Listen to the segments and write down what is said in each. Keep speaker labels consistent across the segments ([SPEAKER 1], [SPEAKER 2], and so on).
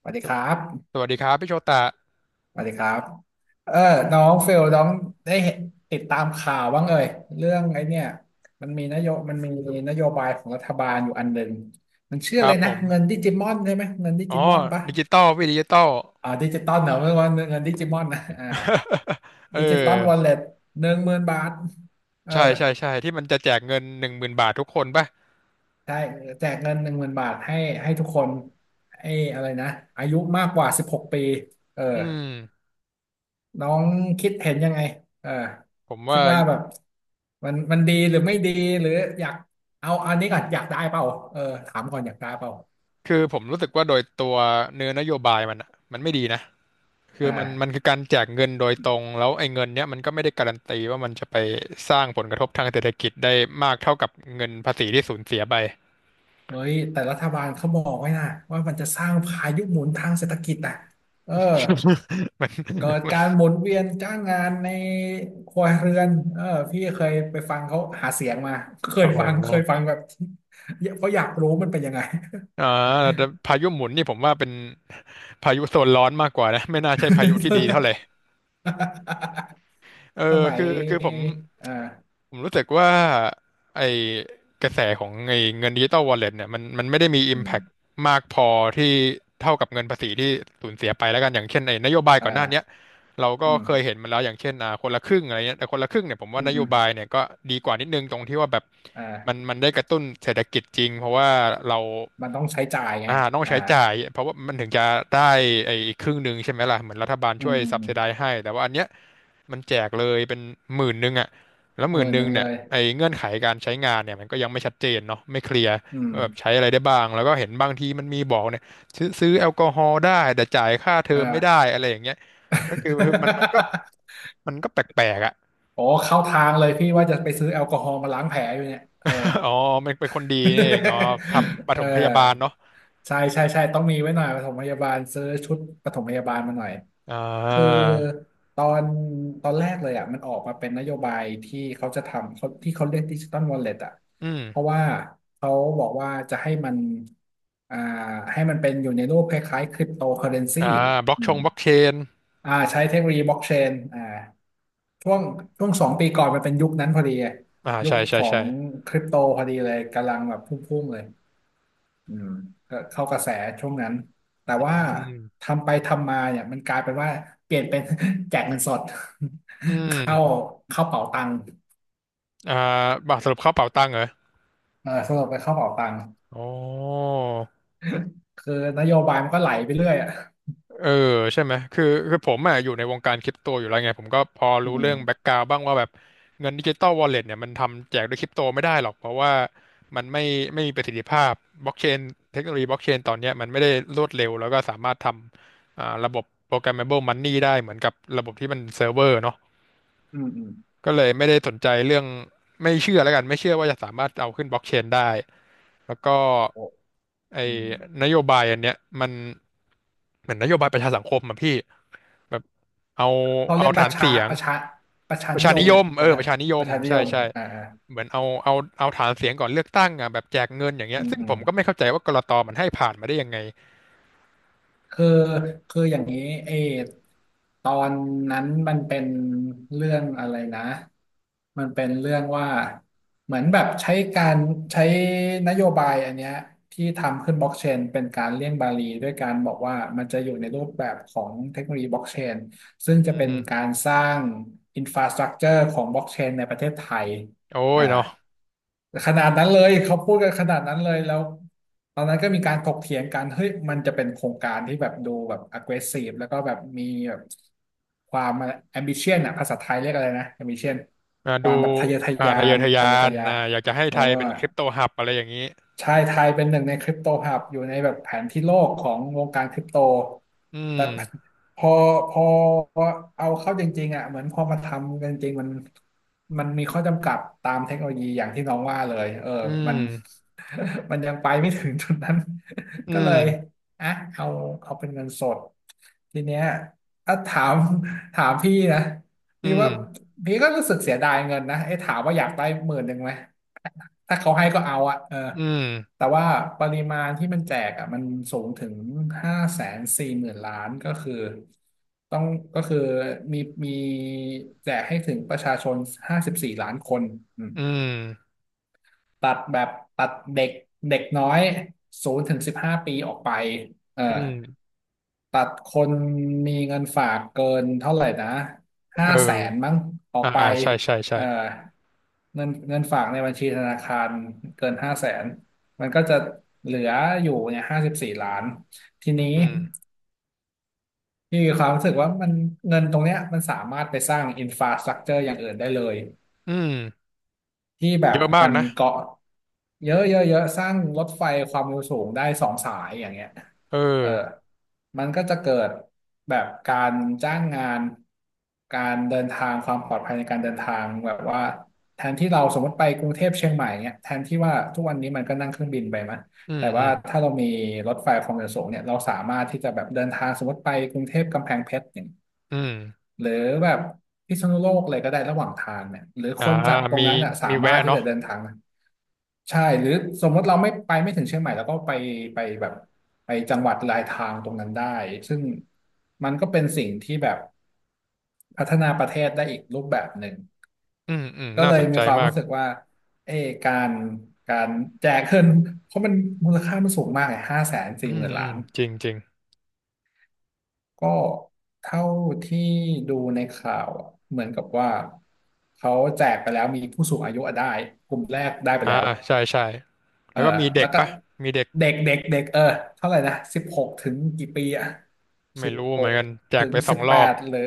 [SPEAKER 1] สวัสดี
[SPEAKER 2] ส
[SPEAKER 1] ครับ
[SPEAKER 2] สวัสดีครับพี่โชตะ
[SPEAKER 1] สวัสดีครับเออน้องเฟล น้องได้เห็นติดตามข่าวบ้างเอ่ย เรื่องไอ้เนี่ยมันมีนโยบายของรัฐบาลอยู่อันหนึ่งมันชื่อ
[SPEAKER 2] ค
[SPEAKER 1] อะ
[SPEAKER 2] รั
[SPEAKER 1] ไร
[SPEAKER 2] บผ
[SPEAKER 1] นะ
[SPEAKER 2] ม
[SPEAKER 1] เงินดิจิมอนใช่ไหม เงินดิ
[SPEAKER 2] อ๋อ
[SPEAKER 1] จิมอนปะ
[SPEAKER 2] ดิจิตอลพี่ดิจิตอล
[SPEAKER 1] ดิจิตอลเหรอเม่อวนเงินดิจิมอนนะ
[SPEAKER 2] เออ
[SPEAKER 1] ดิจิตอลวอลเล็ตหนึ่งหมื่นบาทเออ
[SPEAKER 2] ใช่ใช่ใช่ที่มันจะแจกเงิน10,000 บาททุกคนป่ะ
[SPEAKER 1] ใช่แจกเงินหนึ่งหมื่นบาทให้ให้ทุกคนให้อะไรนะอายุมากกว่า16ปีเออ
[SPEAKER 2] อืม
[SPEAKER 1] น้องคิดเห็นยังไงเออ
[SPEAKER 2] ผม
[SPEAKER 1] คิ
[SPEAKER 2] ว่า
[SPEAKER 1] ดว่าแบบมันดีหรือไม่ดีหรืออยากเอาอันนี้ก่อนอยากได้เปล่าเออถามก่อนอยากได้เปล่า
[SPEAKER 2] คือผมรู้สึกว่าโดยตัวเนื้อนโยบายมันอะมันไม่ดีนะคือมัน
[SPEAKER 1] อ่า
[SPEAKER 2] คือการแจกเงินโดยตรงแล้วไอ้เงินเนี้ยมันก็ไม่ได้การันตีว่ามันจะไปสร้างผลกระทบทางเศรษฐกิจได้มากเท่ากับเงินภาษีที่สูญเสียไป
[SPEAKER 1] เฮ้ยแต่รัฐบาลเขาบอกไว้นะว่ามันจะสร้างพายุหมุนทางเศรษฐกิจอ่ะเออ
[SPEAKER 2] มัน
[SPEAKER 1] เกิด
[SPEAKER 2] มั
[SPEAKER 1] กา
[SPEAKER 2] น
[SPEAKER 1] รหมุนเวียนจ้างงานในครัวเรือนเออพี่เคยไปฟังเขาหาเสียงมาเค
[SPEAKER 2] โอ้
[SPEAKER 1] ย
[SPEAKER 2] โห
[SPEAKER 1] ฟังเคยฟังแบบ เพราะอยากรู้มันเป็นยังไง
[SPEAKER 2] อ่าแต่พายุหมุนนี่ผมว่าเป็น พายุโซนร้อนมากกว่านะไม่น่าใช่พายุที่ดีเท่าไหร่ เออ
[SPEAKER 1] สมั
[SPEAKER 2] คื
[SPEAKER 1] ย
[SPEAKER 2] อคือผม
[SPEAKER 1] อ่า
[SPEAKER 2] ผมรู้สึกว่าไอ้กระแสของไอ้เงินดิจิตอลวอลเล็ตเนี่ยมันไม่ได้มี
[SPEAKER 1] อืม
[SPEAKER 2] Impact มากพอที่เท่ากับเงินภาษีที่สูญเสียไปแล้วกันอย่างเช่นไอ้นโยบายก่อนหน้าเนี้ย
[SPEAKER 1] อ่า
[SPEAKER 2] เราก็
[SPEAKER 1] อืม
[SPEAKER 2] เคยเห็นมาแล้วอย่างเช่นอ่าคนละครึ่งอะไรเงี้ยแต่คนละครึ่งเนี่ยผมว่า
[SPEAKER 1] อืม
[SPEAKER 2] นโย
[SPEAKER 1] อืม
[SPEAKER 2] บายเนี่ยก็ดีกว่านิดนึงตรงที่ว่าแบบมัน
[SPEAKER 1] อ่า
[SPEAKER 2] มันได้กระตุ้นเศรษฐกิจจริงเพราะว่าเรา
[SPEAKER 1] มันต้องใช้จ่ายไง
[SPEAKER 2] อ่าต้อง
[SPEAKER 1] อ่า
[SPEAKER 2] ใช้จ่ายเพราะว่ามันถึงจะได้ไอ้อีกครึ่งหนึ่งใช่ไหมล่ะเหมือนรัฐบาล
[SPEAKER 1] อื
[SPEAKER 2] ช่ว
[SPEAKER 1] ม
[SPEAKER 2] ย
[SPEAKER 1] อืม
[SPEAKER 2] ซับ
[SPEAKER 1] อื
[SPEAKER 2] s
[SPEAKER 1] ม
[SPEAKER 2] i ได z e ให้แต่ว่าอันเนี้ยมันแจกเลยเป็น10,000อ่ะ แล้ว
[SPEAKER 1] เอ
[SPEAKER 2] ห
[SPEAKER 1] อ
[SPEAKER 2] มื่นห
[SPEAKER 1] ห
[SPEAKER 2] นึ่ง
[SPEAKER 1] นึ่งเล
[SPEAKER 2] เนี่ย
[SPEAKER 1] ย
[SPEAKER 2] ไอ้เงื่อนไขการใช้งานเนี่ยมันก็ยังไม่ชัดเจนเนาะไม่เคลียร์
[SPEAKER 1] อื
[SPEAKER 2] ว่าแบบใช้
[SPEAKER 1] ม
[SPEAKER 2] อะไรได้บ้างแล้วก็เห็นบางทีมันมีบอกเนี่ยซื้อแอลกอฮอล์ได้แต่จ่ายค่าเทอมไม่ได้
[SPEAKER 1] อ่า
[SPEAKER 2] อะไรอย่างเงี้ยก็คือมันก็ มันก็แปลกๆอ่ะ
[SPEAKER 1] โอ้เข้าทางเลยพี่ว่าจะไปซื้อแอลกอฮอล์มาล้างแผลอยู่เนี่ยเออ
[SPEAKER 2] อ๋อมันเป็นคนดีนี่เองอ๋อทำ ป
[SPEAKER 1] เอ
[SPEAKER 2] ฐ
[SPEAKER 1] อ
[SPEAKER 2] มพยาบาลเนาะ
[SPEAKER 1] ใช่ใช่ใช่ต้องมีไว้หน่อยปฐมพยาบาลซื้อชุดปฐมพยาบาลมาหน่อย
[SPEAKER 2] อ่
[SPEAKER 1] คือ
[SPEAKER 2] า
[SPEAKER 1] ตอนตอนแรกเลยอ่ะมันออกมาเป็นนโยบายที่เขาจะทำเขาที่เขาเรียกดิจิตอลวอลเล็ตอ่ะ
[SPEAKER 2] อืม
[SPEAKER 1] เพราะว่าเขาบอกว่าจะให้มันอ่าให้มันเป็นอยู่ในรูปคล้ายๆคริปโตเคอเรนซี
[SPEAKER 2] อ่า
[SPEAKER 1] อืม
[SPEAKER 2] บล็อกเชน
[SPEAKER 1] ใช้เทคโนโลยีบล็อกเชนช่วงช่วงสองปีก่อนมันเป็นยุคนั้นพอดีอะ
[SPEAKER 2] อ่า
[SPEAKER 1] ยุค
[SPEAKER 2] ใช่
[SPEAKER 1] ข
[SPEAKER 2] ใช่
[SPEAKER 1] อ
[SPEAKER 2] ใช่
[SPEAKER 1] งคริปโตพอดีเลยกำลังแบบพุ่งๆเลยอืมก็เข้ากระแสช่วงนั้นแต่
[SPEAKER 2] อื
[SPEAKER 1] ว่า
[SPEAKER 2] ม
[SPEAKER 1] ทำไปทำมาเนี่ยมันกลายเป็นว่าเปลี่ยนเป็น แจกเงินสด
[SPEAKER 2] อื
[SPEAKER 1] เข้า
[SPEAKER 2] ม
[SPEAKER 1] เข้าเป๋าตังค์
[SPEAKER 2] อ่าสรุปเข้าเป๋าตังค์เหรอ
[SPEAKER 1] เออสรุปไปเข้าเป๋าตังค์
[SPEAKER 2] อ๋อ
[SPEAKER 1] คือนโยบายมันก็ไหลไปเรื่อยอ่ะ
[SPEAKER 2] เออใช่ไหมคือผมอ่ะอยู่ในวงการคริปโตอยู่แล้วไงผมก็พอ
[SPEAKER 1] อื
[SPEAKER 2] รู้เรื่องแบ็ก
[SPEAKER 1] ม
[SPEAKER 2] กราวบ้างว่าแบบเงินดิจิตอลวอลเล็ตเนี่ยมันทำแจกด้วยคริปโตไม่ได้หรอกเพราะว่ามันไม่มีประสิทธิภาพบล็อกเชนเทคโนโลยีบล็อกเชนตอนเนี้ยมันไม่ได้รวดเร็วแล้วก็สามารถทำอ่าระบบ programmable money ได้เหมือนกับระบบที่มันเซิร์ฟเวอร์เนาะ
[SPEAKER 1] อืมอืม
[SPEAKER 2] ก็เลยไม่ได้สนใจเรื่องไม่เชื่อแล้วกันไม่เชื่อว่าจะสามารถเอาขึ้นบล็อกเชนได้แล้วก็
[SPEAKER 1] โอ้
[SPEAKER 2] ไอ้
[SPEAKER 1] อืม
[SPEAKER 2] นโยบายอันเนี้ยมันเหมือนนโยบายประชาสังคมอะพี่ แบบเอา
[SPEAKER 1] เขาเรี
[SPEAKER 2] เอา
[SPEAKER 1] ยก
[SPEAKER 2] ฐานเสียง
[SPEAKER 1] ประชา
[SPEAKER 2] ประ
[SPEAKER 1] นิ
[SPEAKER 2] ชา
[SPEAKER 1] ย
[SPEAKER 2] นิ
[SPEAKER 1] ม
[SPEAKER 2] ยม
[SPEAKER 1] ป
[SPEAKER 2] เอ
[SPEAKER 1] ระ
[SPEAKER 2] อ
[SPEAKER 1] ชา
[SPEAKER 2] ประชานิย
[SPEAKER 1] ป
[SPEAKER 2] ม
[SPEAKER 1] ระชานิย
[SPEAKER 2] ใช่
[SPEAKER 1] ม
[SPEAKER 2] ใช่
[SPEAKER 1] อ่า
[SPEAKER 2] เหมือนเอาฐานเสียงก่อนเลือกตั้งอ่ะแบบแจกเงินอย่างเงี้
[SPEAKER 1] อื
[SPEAKER 2] ย
[SPEAKER 1] ม
[SPEAKER 2] ซึ่ง
[SPEAKER 1] อื
[SPEAKER 2] ผ
[SPEAKER 1] ม
[SPEAKER 2] มก็ไม่เข้าใจว่ากลตมันให้ผ่านมาได้ยังไง
[SPEAKER 1] คือคืออย่างนี้เอตอนนั้นมันเป็นเรื่องอะไรนะมันเป็นเรื่องว่าเหมือนแบบใช้การใช้นโยบายอันเนี้ยที่ทำขึ้นบล็อกเชนเป็นการเลี่ยงบาลีด้วยการบอกว่ามันจะอยู่ในรูปแบบของเทคโนโลยีบล็อกเชนซึ่ง
[SPEAKER 2] อื
[SPEAKER 1] จะเป็นกา
[SPEAKER 2] ม
[SPEAKER 1] รสร้างอินฟราสตรั t เจอร์ของบล็อกเชนในประเทศไทย
[SPEAKER 2] โอ้ย
[SPEAKER 1] อ่า
[SPEAKER 2] เนาะ
[SPEAKER 1] ขนาดนั้นเลยเขาพูดกันขนาดนั้นเลยแล้วตอนนั้นก็มีการถกเถียงกันเฮ้ยมันจะเป็นโครงการที่แบบดูแบบ aggressive แล้วก็แบบมีแบบความ ambition อะภาษาไทยเรียกอะไรนะ ambition
[SPEAKER 2] อ่า
[SPEAKER 1] ค
[SPEAKER 2] ดู
[SPEAKER 1] วามแบบทะเยอทะ
[SPEAKER 2] อ่า
[SPEAKER 1] ยา
[SPEAKER 2] ทะเยอ
[SPEAKER 1] น
[SPEAKER 2] ทะยา
[SPEAKER 1] ทะเยอ
[SPEAKER 2] น
[SPEAKER 1] ทะยา
[SPEAKER 2] อ่า
[SPEAKER 1] น
[SPEAKER 2] อยากจะให้
[SPEAKER 1] เออ
[SPEAKER 2] ไทยเป็นคริปโตฮับอะไรอย่างนี้
[SPEAKER 1] ใช่ไทยเป็นหนึ่งในคริปโตฮับอยู่ในแบบแผนที่โลกของวงการคริปโต
[SPEAKER 2] อื
[SPEAKER 1] แต่
[SPEAKER 2] ม
[SPEAKER 1] พอพอเอาเข้าจริงๆอ่ะเหมือนพอมาทำกันจริงๆมันมีข้อจำกัดตามเทคโนโลยีอย่างที่น้องว่าเลยเออ
[SPEAKER 2] อื
[SPEAKER 1] มัน
[SPEAKER 2] ม
[SPEAKER 1] มันยังไปไม่ถึงจุดนั้น
[SPEAKER 2] อื
[SPEAKER 1] ก็เลย
[SPEAKER 2] ม
[SPEAKER 1] อ่ะเอาเอาเป็นเงินสดทีเนี้ยถ้าถาม ถามพี่นะ
[SPEAKER 2] อื
[SPEAKER 1] พี่
[SPEAKER 2] ม
[SPEAKER 1] ว่าพี่ก็รู้สึกเสียดายเงินนะเอ้ถามว่าอยากได้10,000ไหม ถ้าเขาให้ก็เอาอะเออ
[SPEAKER 2] อืม
[SPEAKER 1] แต่ว่าปริมาณที่มันแจกอะมันสูงถึง540,000,000,000ก็คือต้องก็คือมีมีแจกให้ถึงประชาชนห้าสิบสี่ล้านคน
[SPEAKER 2] อืม
[SPEAKER 1] ตัดแบบตัดเด็กเด็กน้อย0-15ปีออกไปเออ
[SPEAKER 2] อืม
[SPEAKER 1] ตัดคนมีเงินฝากเกินเท่าไหร่นะห้า
[SPEAKER 2] เอ
[SPEAKER 1] แสน
[SPEAKER 2] อ
[SPEAKER 1] มั้งออก
[SPEAKER 2] อ่า
[SPEAKER 1] ไป
[SPEAKER 2] อ่าใช่ใช่ใช่
[SPEAKER 1] เออเงินเงินฝากในบัญชีธนาคารเกินห้าแสนมันก็จะเหลืออยู่เนี่ยห้าสิบสี่ล้าน ทีนี้
[SPEAKER 2] อืม
[SPEAKER 1] พี่มีความรู้สึกว่ามันเงินตรงเนี้ยมันสามารถไปสร้างอินฟราสตรักเจอร์อย่างอื่นได้เลย
[SPEAKER 2] อืม
[SPEAKER 1] ที่แบ
[SPEAKER 2] เย
[SPEAKER 1] บ
[SPEAKER 2] อะมา
[SPEAKER 1] มั
[SPEAKER 2] ก
[SPEAKER 1] น
[SPEAKER 2] นะ
[SPEAKER 1] เกาะเยอะเยอะเยอะสร้างรถไฟความเร็วสูงได้สองสายอย่างเงี้ย
[SPEAKER 2] เออ
[SPEAKER 1] เออมันก็จะเกิดแบบการจ้างงานการเดินทางความปลอดภัยในการเดินทางแบบว่าแทนที่เราสมมติไปกรุงเทพเชียงใหม่เงี้ยแทนที่ว่าทุกวันนี้มันก็นั่งเครื่องบินไปมั้ย
[SPEAKER 2] อืม
[SPEAKER 1] แต่
[SPEAKER 2] อื
[SPEAKER 1] ว่า
[SPEAKER 2] ม
[SPEAKER 1] ถ้าเรามีรถไฟความเร็วสูงเนี่ยเราสามารถที่จะแบบเดินทางสมมติไปกรุงเทพกำแพงเพชรเนี่ย
[SPEAKER 2] อืม
[SPEAKER 1] หรือแบบพิษณุโลกอะไรก็ได้ระหว่างทางเนี่ยหรือ
[SPEAKER 2] อ่า
[SPEAKER 1] คนจากตร
[SPEAKER 2] มี
[SPEAKER 1] งนั้นอ่ะสา
[SPEAKER 2] มี
[SPEAKER 1] มา
[SPEAKER 2] แวะ
[SPEAKER 1] รถที่
[SPEAKER 2] เนาะ
[SPEAKER 1] จะเดินทางนะใช่หรือสมมติเราไม่ไปไม่ถึงเชียงใหม่แล้วก็ไปไปแบบไปจังหวัดลายทางตรงนั้นได้ซึ่งมันก็เป็นสิ่งที่แบบพัฒนาประเทศได้อีกรูปแบบหนึ่ง
[SPEAKER 2] อืมอืม
[SPEAKER 1] ก็
[SPEAKER 2] น่า
[SPEAKER 1] เล
[SPEAKER 2] ส
[SPEAKER 1] ย
[SPEAKER 2] น
[SPEAKER 1] มี
[SPEAKER 2] ใจ
[SPEAKER 1] ความ
[SPEAKER 2] มาก
[SPEAKER 1] รู้สึกว่าเออการการแจกเงินเพราะมันมูลค่ามันสูงมากไงห้าแสน
[SPEAKER 2] อื
[SPEAKER 1] สี่ห
[SPEAKER 2] ม
[SPEAKER 1] มื่น
[SPEAKER 2] อื
[SPEAKER 1] ล้า
[SPEAKER 2] ม
[SPEAKER 1] น
[SPEAKER 2] จริงจริง
[SPEAKER 1] ก็เท่าที่ดูในข่าวอะเหมือนกับว่าเขาแจกไปแล้วมีผู้สูงอายุอะได้กลุ่มแรกได้ไป
[SPEAKER 2] อ่า
[SPEAKER 1] แล้ว
[SPEAKER 2] ใช่ใช่
[SPEAKER 1] เอ
[SPEAKER 2] แล้
[SPEAKER 1] อ
[SPEAKER 2] วก็มีเด็
[SPEAKER 1] แล้
[SPEAKER 2] ก
[SPEAKER 1] วก็
[SPEAKER 2] ปะมีเด็ก
[SPEAKER 1] เด็กเด็กเด็กเออเท่าไหร่นะ16อ่ะ
[SPEAKER 2] ไม่
[SPEAKER 1] สิบ
[SPEAKER 2] รู้
[SPEAKER 1] ห
[SPEAKER 2] เหมือน
[SPEAKER 1] ก
[SPEAKER 2] กันแจ
[SPEAKER 1] ถึ
[SPEAKER 2] ก
[SPEAKER 1] ง
[SPEAKER 2] ไปส
[SPEAKER 1] สิ
[SPEAKER 2] อง
[SPEAKER 1] บ
[SPEAKER 2] ร
[SPEAKER 1] แป
[SPEAKER 2] อบ
[SPEAKER 1] ดหรือ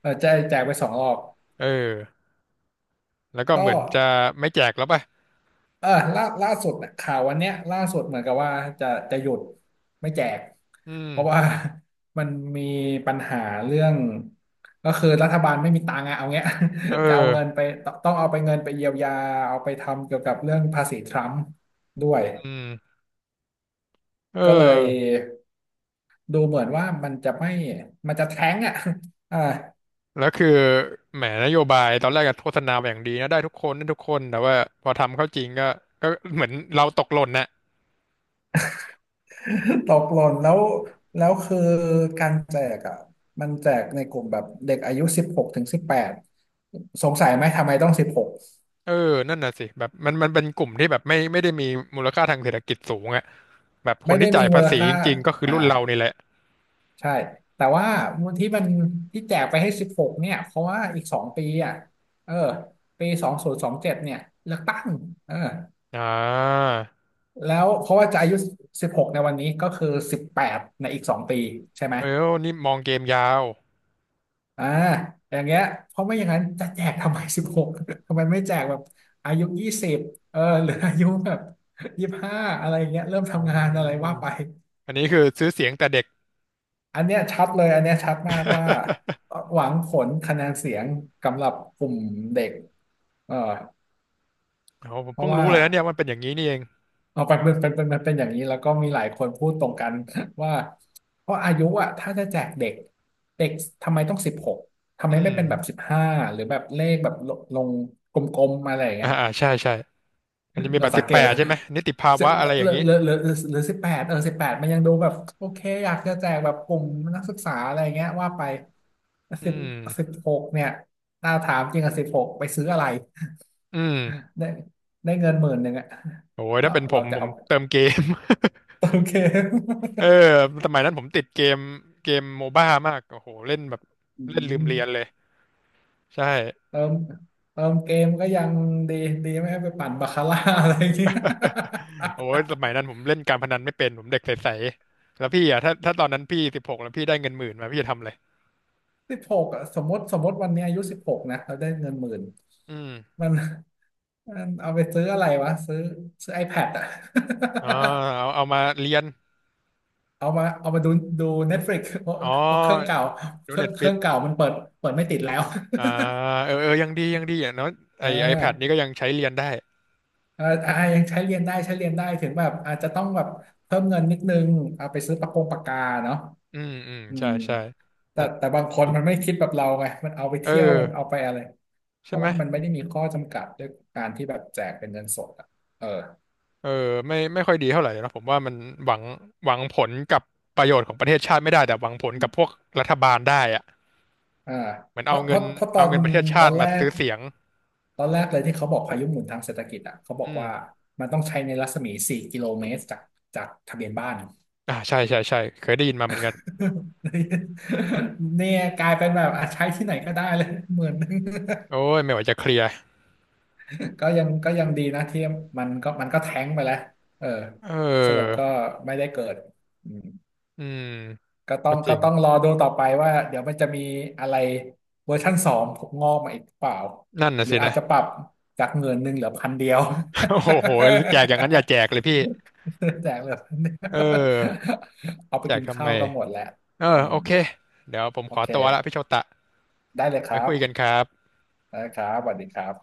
[SPEAKER 1] เออแจกไป2 รอบ
[SPEAKER 2] เออแล้วก็เห
[SPEAKER 1] ก็
[SPEAKER 2] มือนจะไม่แจกแล้วปะ
[SPEAKER 1] เออล่าสุดน่ะข่าววันเนี้ยล่าสุดเหมือนกับว่าจะหยุดไม่แจก
[SPEAKER 2] อื
[SPEAKER 1] เพราะว่า
[SPEAKER 2] ม
[SPEAKER 1] มันมีปัญหาเรื่องก็คือรัฐบาลไม่มีตังค์อะเอาเงี้ย
[SPEAKER 2] เออ
[SPEAKER 1] จะเอาเงินไปต้องเงินไปเยียวยาเอาไปทำเกี่ยวกับเรื่องภาษีทรัมป์ด้วย
[SPEAKER 2] อืมเ
[SPEAKER 1] ก็เลย
[SPEAKER 2] ออ
[SPEAKER 1] ดูเหมือนว่ามันจะแท้งอ่ะ อ่า
[SPEAKER 2] แล้วคือแหมนโยบายตอนแรกก็โฆษณาไบบอย่างดีนะได้ทุกคนได้ทุกคนแต่ว่าพอทำเข้าจริงก็ก็เหมือนเราตกหล่นนะ
[SPEAKER 1] ตกหล่นแล้วแล้วคือการแจกอ่ะมันแจกในกลุ่มแบบเด็กอายุสิบหกถึงสิบแปดสงสัยไหมทำไมต้องสิบหก
[SPEAKER 2] เออนั่นน่ะสิแบบมันมันเป็นกลุ่มที่แบบไม่ได้มีมูลค่าทางเศรษฐกิจสูงอะ แบบค
[SPEAKER 1] ไม่
[SPEAKER 2] น
[SPEAKER 1] ได้
[SPEAKER 2] ที่
[SPEAKER 1] มี
[SPEAKER 2] จ่าย
[SPEAKER 1] มู
[SPEAKER 2] ภา
[SPEAKER 1] ล
[SPEAKER 2] ษี
[SPEAKER 1] ค่า
[SPEAKER 2] จริงๆก็คือ
[SPEAKER 1] อ่า
[SPEAKER 2] รุ่นเรานี่แหละ
[SPEAKER 1] ใช่แต่ว่าที่มันที่แจกไปให้สิบหกเนี่ยเพราะว่าอีกสองปีอ่ะเออปี2027เนี่ยเลือกตั้งเออ
[SPEAKER 2] อ่า
[SPEAKER 1] แล้วเพราะว่าจะอายุสิบหกในวันนี้ก็คือ18 ในอีก 2 ปีใช่ไหม
[SPEAKER 2] เออนี่มองเกมยาว
[SPEAKER 1] อ่าอย่างเงี้ยเพราะไม่อย่างนั้นจะแจกทำไม 16ทำไมไม่แจกแบบอายุยี่สิบเออ หรืออายุแบบ25อะไรอย่างเงี้ยเริ่ม
[SPEAKER 2] อ๋อ
[SPEAKER 1] ทำงานอะไรว่าไป
[SPEAKER 2] อันนี้คือซื้อเสียงแต่เด็ก
[SPEAKER 1] อันเนี้ยชัดเลยอันเนี้ยชัดมากว่า หวังผลคะแนนเสียงกำหรับกลุ่มเด็กเออ
[SPEAKER 2] โอ้ผม
[SPEAKER 1] เพ
[SPEAKER 2] เพิ่
[SPEAKER 1] ราะ
[SPEAKER 2] ง
[SPEAKER 1] ว่า
[SPEAKER 2] รู้เลยนะเนี่ยมันเป็นอย่างนี้นี่เอง
[SPEAKER 1] เอาไปเป็นอย่างนี้แล้วก็มีหลายคนพูดตรงกัน ว่าเพราะอายุอ่ะถ้าจะแจกเด็กเด็กทำไมต้องสิบหกทำ
[SPEAKER 2] อื
[SPEAKER 1] ไมไม่เป็นแบบสิ
[SPEAKER 2] ม
[SPEAKER 1] บห้าหรือแบบเลขแบบลงกลมๆมาอะไรอย่าง
[SPEAKER 2] อ่า
[SPEAKER 1] เงี้ย
[SPEAKER 2] อ่า ใช่ ใช่ มันจะ มี
[SPEAKER 1] เรา
[SPEAKER 2] บัตร
[SPEAKER 1] สั
[SPEAKER 2] สิ
[SPEAKER 1] ง
[SPEAKER 2] บ
[SPEAKER 1] เก
[SPEAKER 2] แป
[SPEAKER 1] ต
[SPEAKER 2] ดใช่ไหม นิติภา
[SPEAKER 1] สิ
[SPEAKER 2] วะอะไรอ
[SPEAKER 1] ห
[SPEAKER 2] ย่า
[SPEAKER 1] รื
[SPEAKER 2] ง
[SPEAKER 1] อ
[SPEAKER 2] นี้
[SPEAKER 1] หรือหรือหรือ18 เออ 18มันยังดูแบบโอเคอยากจะแจกแบบกลุ่มนักศึกษาอะไรเงี้ยว่าไป
[SPEAKER 2] อื
[SPEAKER 1] สิบสิบ
[SPEAKER 2] ม
[SPEAKER 1] หกเนี่ยถ้าถามจริงอะสิบหกไปซื้ออะไร
[SPEAKER 2] อืม
[SPEAKER 1] ได้ได้เงิน 10,000อะ
[SPEAKER 2] โอ้ย ถ้า
[SPEAKER 1] เรา
[SPEAKER 2] เป็นผ
[SPEAKER 1] เรา
[SPEAKER 2] ม
[SPEAKER 1] จะ
[SPEAKER 2] ผม
[SPEAKER 1] เอา
[SPEAKER 2] เติมเกม
[SPEAKER 1] เติมเกม
[SPEAKER 2] เออสมัยนั้นผมติดเกมเกมโมบ้ามากโอ้โหเล่นแบบ
[SPEAKER 1] อื
[SPEAKER 2] เล่นลืม
[SPEAKER 1] ม
[SPEAKER 2] เรียนเลยใช่
[SPEAKER 1] เติมเติมเกมก็ยังดีดีไม่ให้ไปปั่นบาคาร่า อะไรอย่างเงี้ย
[SPEAKER 2] โอ้ยสมัยนั้นผมเล่นการพนันไม่เป็นผมเด็กใสๆแล้วพี่อ่ะถ้าตอนนั้นพี่16แล้วพี่ได้เงิน 10,000มาพี่จะทำอะไร
[SPEAKER 1] สิบหกอะสมมติสมมติวันนี้อายุสิบหกนะเราได้เงินหมื่น
[SPEAKER 2] อืม
[SPEAKER 1] มันมันเอาไปซื้ออะไรวะซื้อ iPad อะ
[SPEAKER 2] อ๋อเอามาเรียน
[SPEAKER 1] เอามาดูดู Netflix เพราะ
[SPEAKER 2] อ๋อ
[SPEAKER 1] เพราะเครื่องเก่า
[SPEAKER 2] ดู
[SPEAKER 1] เครื่อ
[SPEAKER 2] เน็
[SPEAKER 1] ง
[SPEAKER 2] ต
[SPEAKER 1] เค
[SPEAKER 2] ฟิ
[SPEAKER 1] รื่อ
[SPEAKER 2] ก
[SPEAKER 1] งเก่ามันเปิดไม่ติดแล้ว
[SPEAKER 2] อ่าเออเออยังดียังดีอย่างน้อย
[SPEAKER 1] เ
[SPEAKER 2] ไอแพด
[SPEAKER 1] อ
[SPEAKER 2] นี้ก็
[SPEAKER 1] อ
[SPEAKER 2] ยังใช้เรียนได้
[SPEAKER 1] เออยังใช้เรียนได้ใช้เรียนได้ถึงแบบอาจจะต้องแบบเพิ่มเงินนิดนึงเอาไปซื้อปากกาเนาะ
[SPEAKER 2] อืมอืม
[SPEAKER 1] อื
[SPEAKER 2] ใช่
[SPEAKER 1] ม
[SPEAKER 2] ใช่
[SPEAKER 1] แต่
[SPEAKER 2] แต่
[SPEAKER 1] แต่บางคนมันไม่คิดแบบเราไงมันเอาไป
[SPEAKER 2] เออ
[SPEAKER 1] เที่ยว มันเอาไปอะไร เพ
[SPEAKER 2] ใช่
[SPEAKER 1] ราะ
[SPEAKER 2] ไหม
[SPEAKER 1] ว่ามันไม่ได้มีข้อจำกัดด้วยการที่แบบแจกเป็นเงินสดอ่ะเออ
[SPEAKER 2] เออไม่ค่อยดีเท่าไหร่นะผมว่ามันหวังผลกับประโยชน์ของประเทศชาติไม่ได้แต่หวังผลกับพวกรัฐบาลได้อะ
[SPEAKER 1] อ่า
[SPEAKER 2] เหมือน
[SPEAKER 1] เพ
[SPEAKER 2] เอา
[SPEAKER 1] ราะเพ
[SPEAKER 2] เงิน
[SPEAKER 1] ราะเพราะ
[SPEAKER 2] ประเทศ
[SPEAKER 1] ต
[SPEAKER 2] ชา
[SPEAKER 1] อ
[SPEAKER 2] ติ
[SPEAKER 1] นแร
[SPEAKER 2] มา
[SPEAKER 1] ก
[SPEAKER 2] ซื้อเสียง
[SPEAKER 1] ตอนแรกเลยที่เขาบอกพายุหมุนทางเศรษฐกิจอ่ะเขาบอก
[SPEAKER 2] อืม
[SPEAKER 1] ว่ามันต้องใช้ในรัศมี4 กิโลเมตรจากทะเบียนบ้าน
[SPEAKER 2] อ่าใช่ใช่ใช่เคยได้ยินมาเหมือนกัน
[SPEAKER 1] เนี่ยกลายเป็นแบบอ่ะใช้ที่ไหนก็ได้เลยหมื่นหนึ่ง
[SPEAKER 2] โอ้ยไม่ไหวจะเคลียร์
[SPEAKER 1] ก็ยังดีนะที่มันก็แท้งไปแล้วเออ
[SPEAKER 2] เ
[SPEAKER 1] สรุป
[SPEAKER 2] ออ
[SPEAKER 1] ก็ไม่ได้เกิดอืม
[SPEAKER 2] อืม
[SPEAKER 1] ก็ต้อ
[SPEAKER 2] ก็
[SPEAKER 1] ง
[SPEAKER 2] จ
[SPEAKER 1] ก็
[SPEAKER 2] ริง
[SPEAKER 1] ต้องรอดูต่อไปว่าเดี๋ยวมันจะมีอะไรเวอร์ชั่นสองงอกมาอีกเปล่า
[SPEAKER 2] นั่นน่ะ
[SPEAKER 1] หรือ
[SPEAKER 2] สิ
[SPEAKER 1] อาจ
[SPEAKER 2] นะ
[SPEAKER 1] จะปรับจากหมื่นหนึ่งเหลือพันเดียว
[SPEAKER 2] โอ้โหแจกอย่างนั้นอย่าแจกเลยพี่
[SPEAKER 1] แจกเหลือพันเดีย
[SPEAKER 2] เอ
[SPEAKER 1] ว
[SPEAKER 2] อ
[SPEAKER 1] เอาไป
[SPEAKER 2] แจก
[SPEAKER 1] กิน
[SPEAKER 2] ทำไม
[SPEAKER 1] ข้าวก็หมดแล้ว
[SPEAKER 2] เออ
[SPEAKER 1] อื
[SPEAKER 2] โอ
[SPEAKER 1] ม
[SPEAKER 2] เคเดี๋ยวผม
[SPEAKER 1] โอ
[SPEAKER 2] ขอ
[SPEAKER 1] เค
[SPEAKER 2] ตัวละพี่โชตะ
[SPEAKER 1] ได้เลยค
[SPEAKER 2] ไว้
[SPEAKER 1] รั
[SPEAKER 2] คุยกัน
[SPEAKER 1] บ
[SPEAKER 2] ครับ
[SPEAKER 1] ได้ครับสวัสดีครับ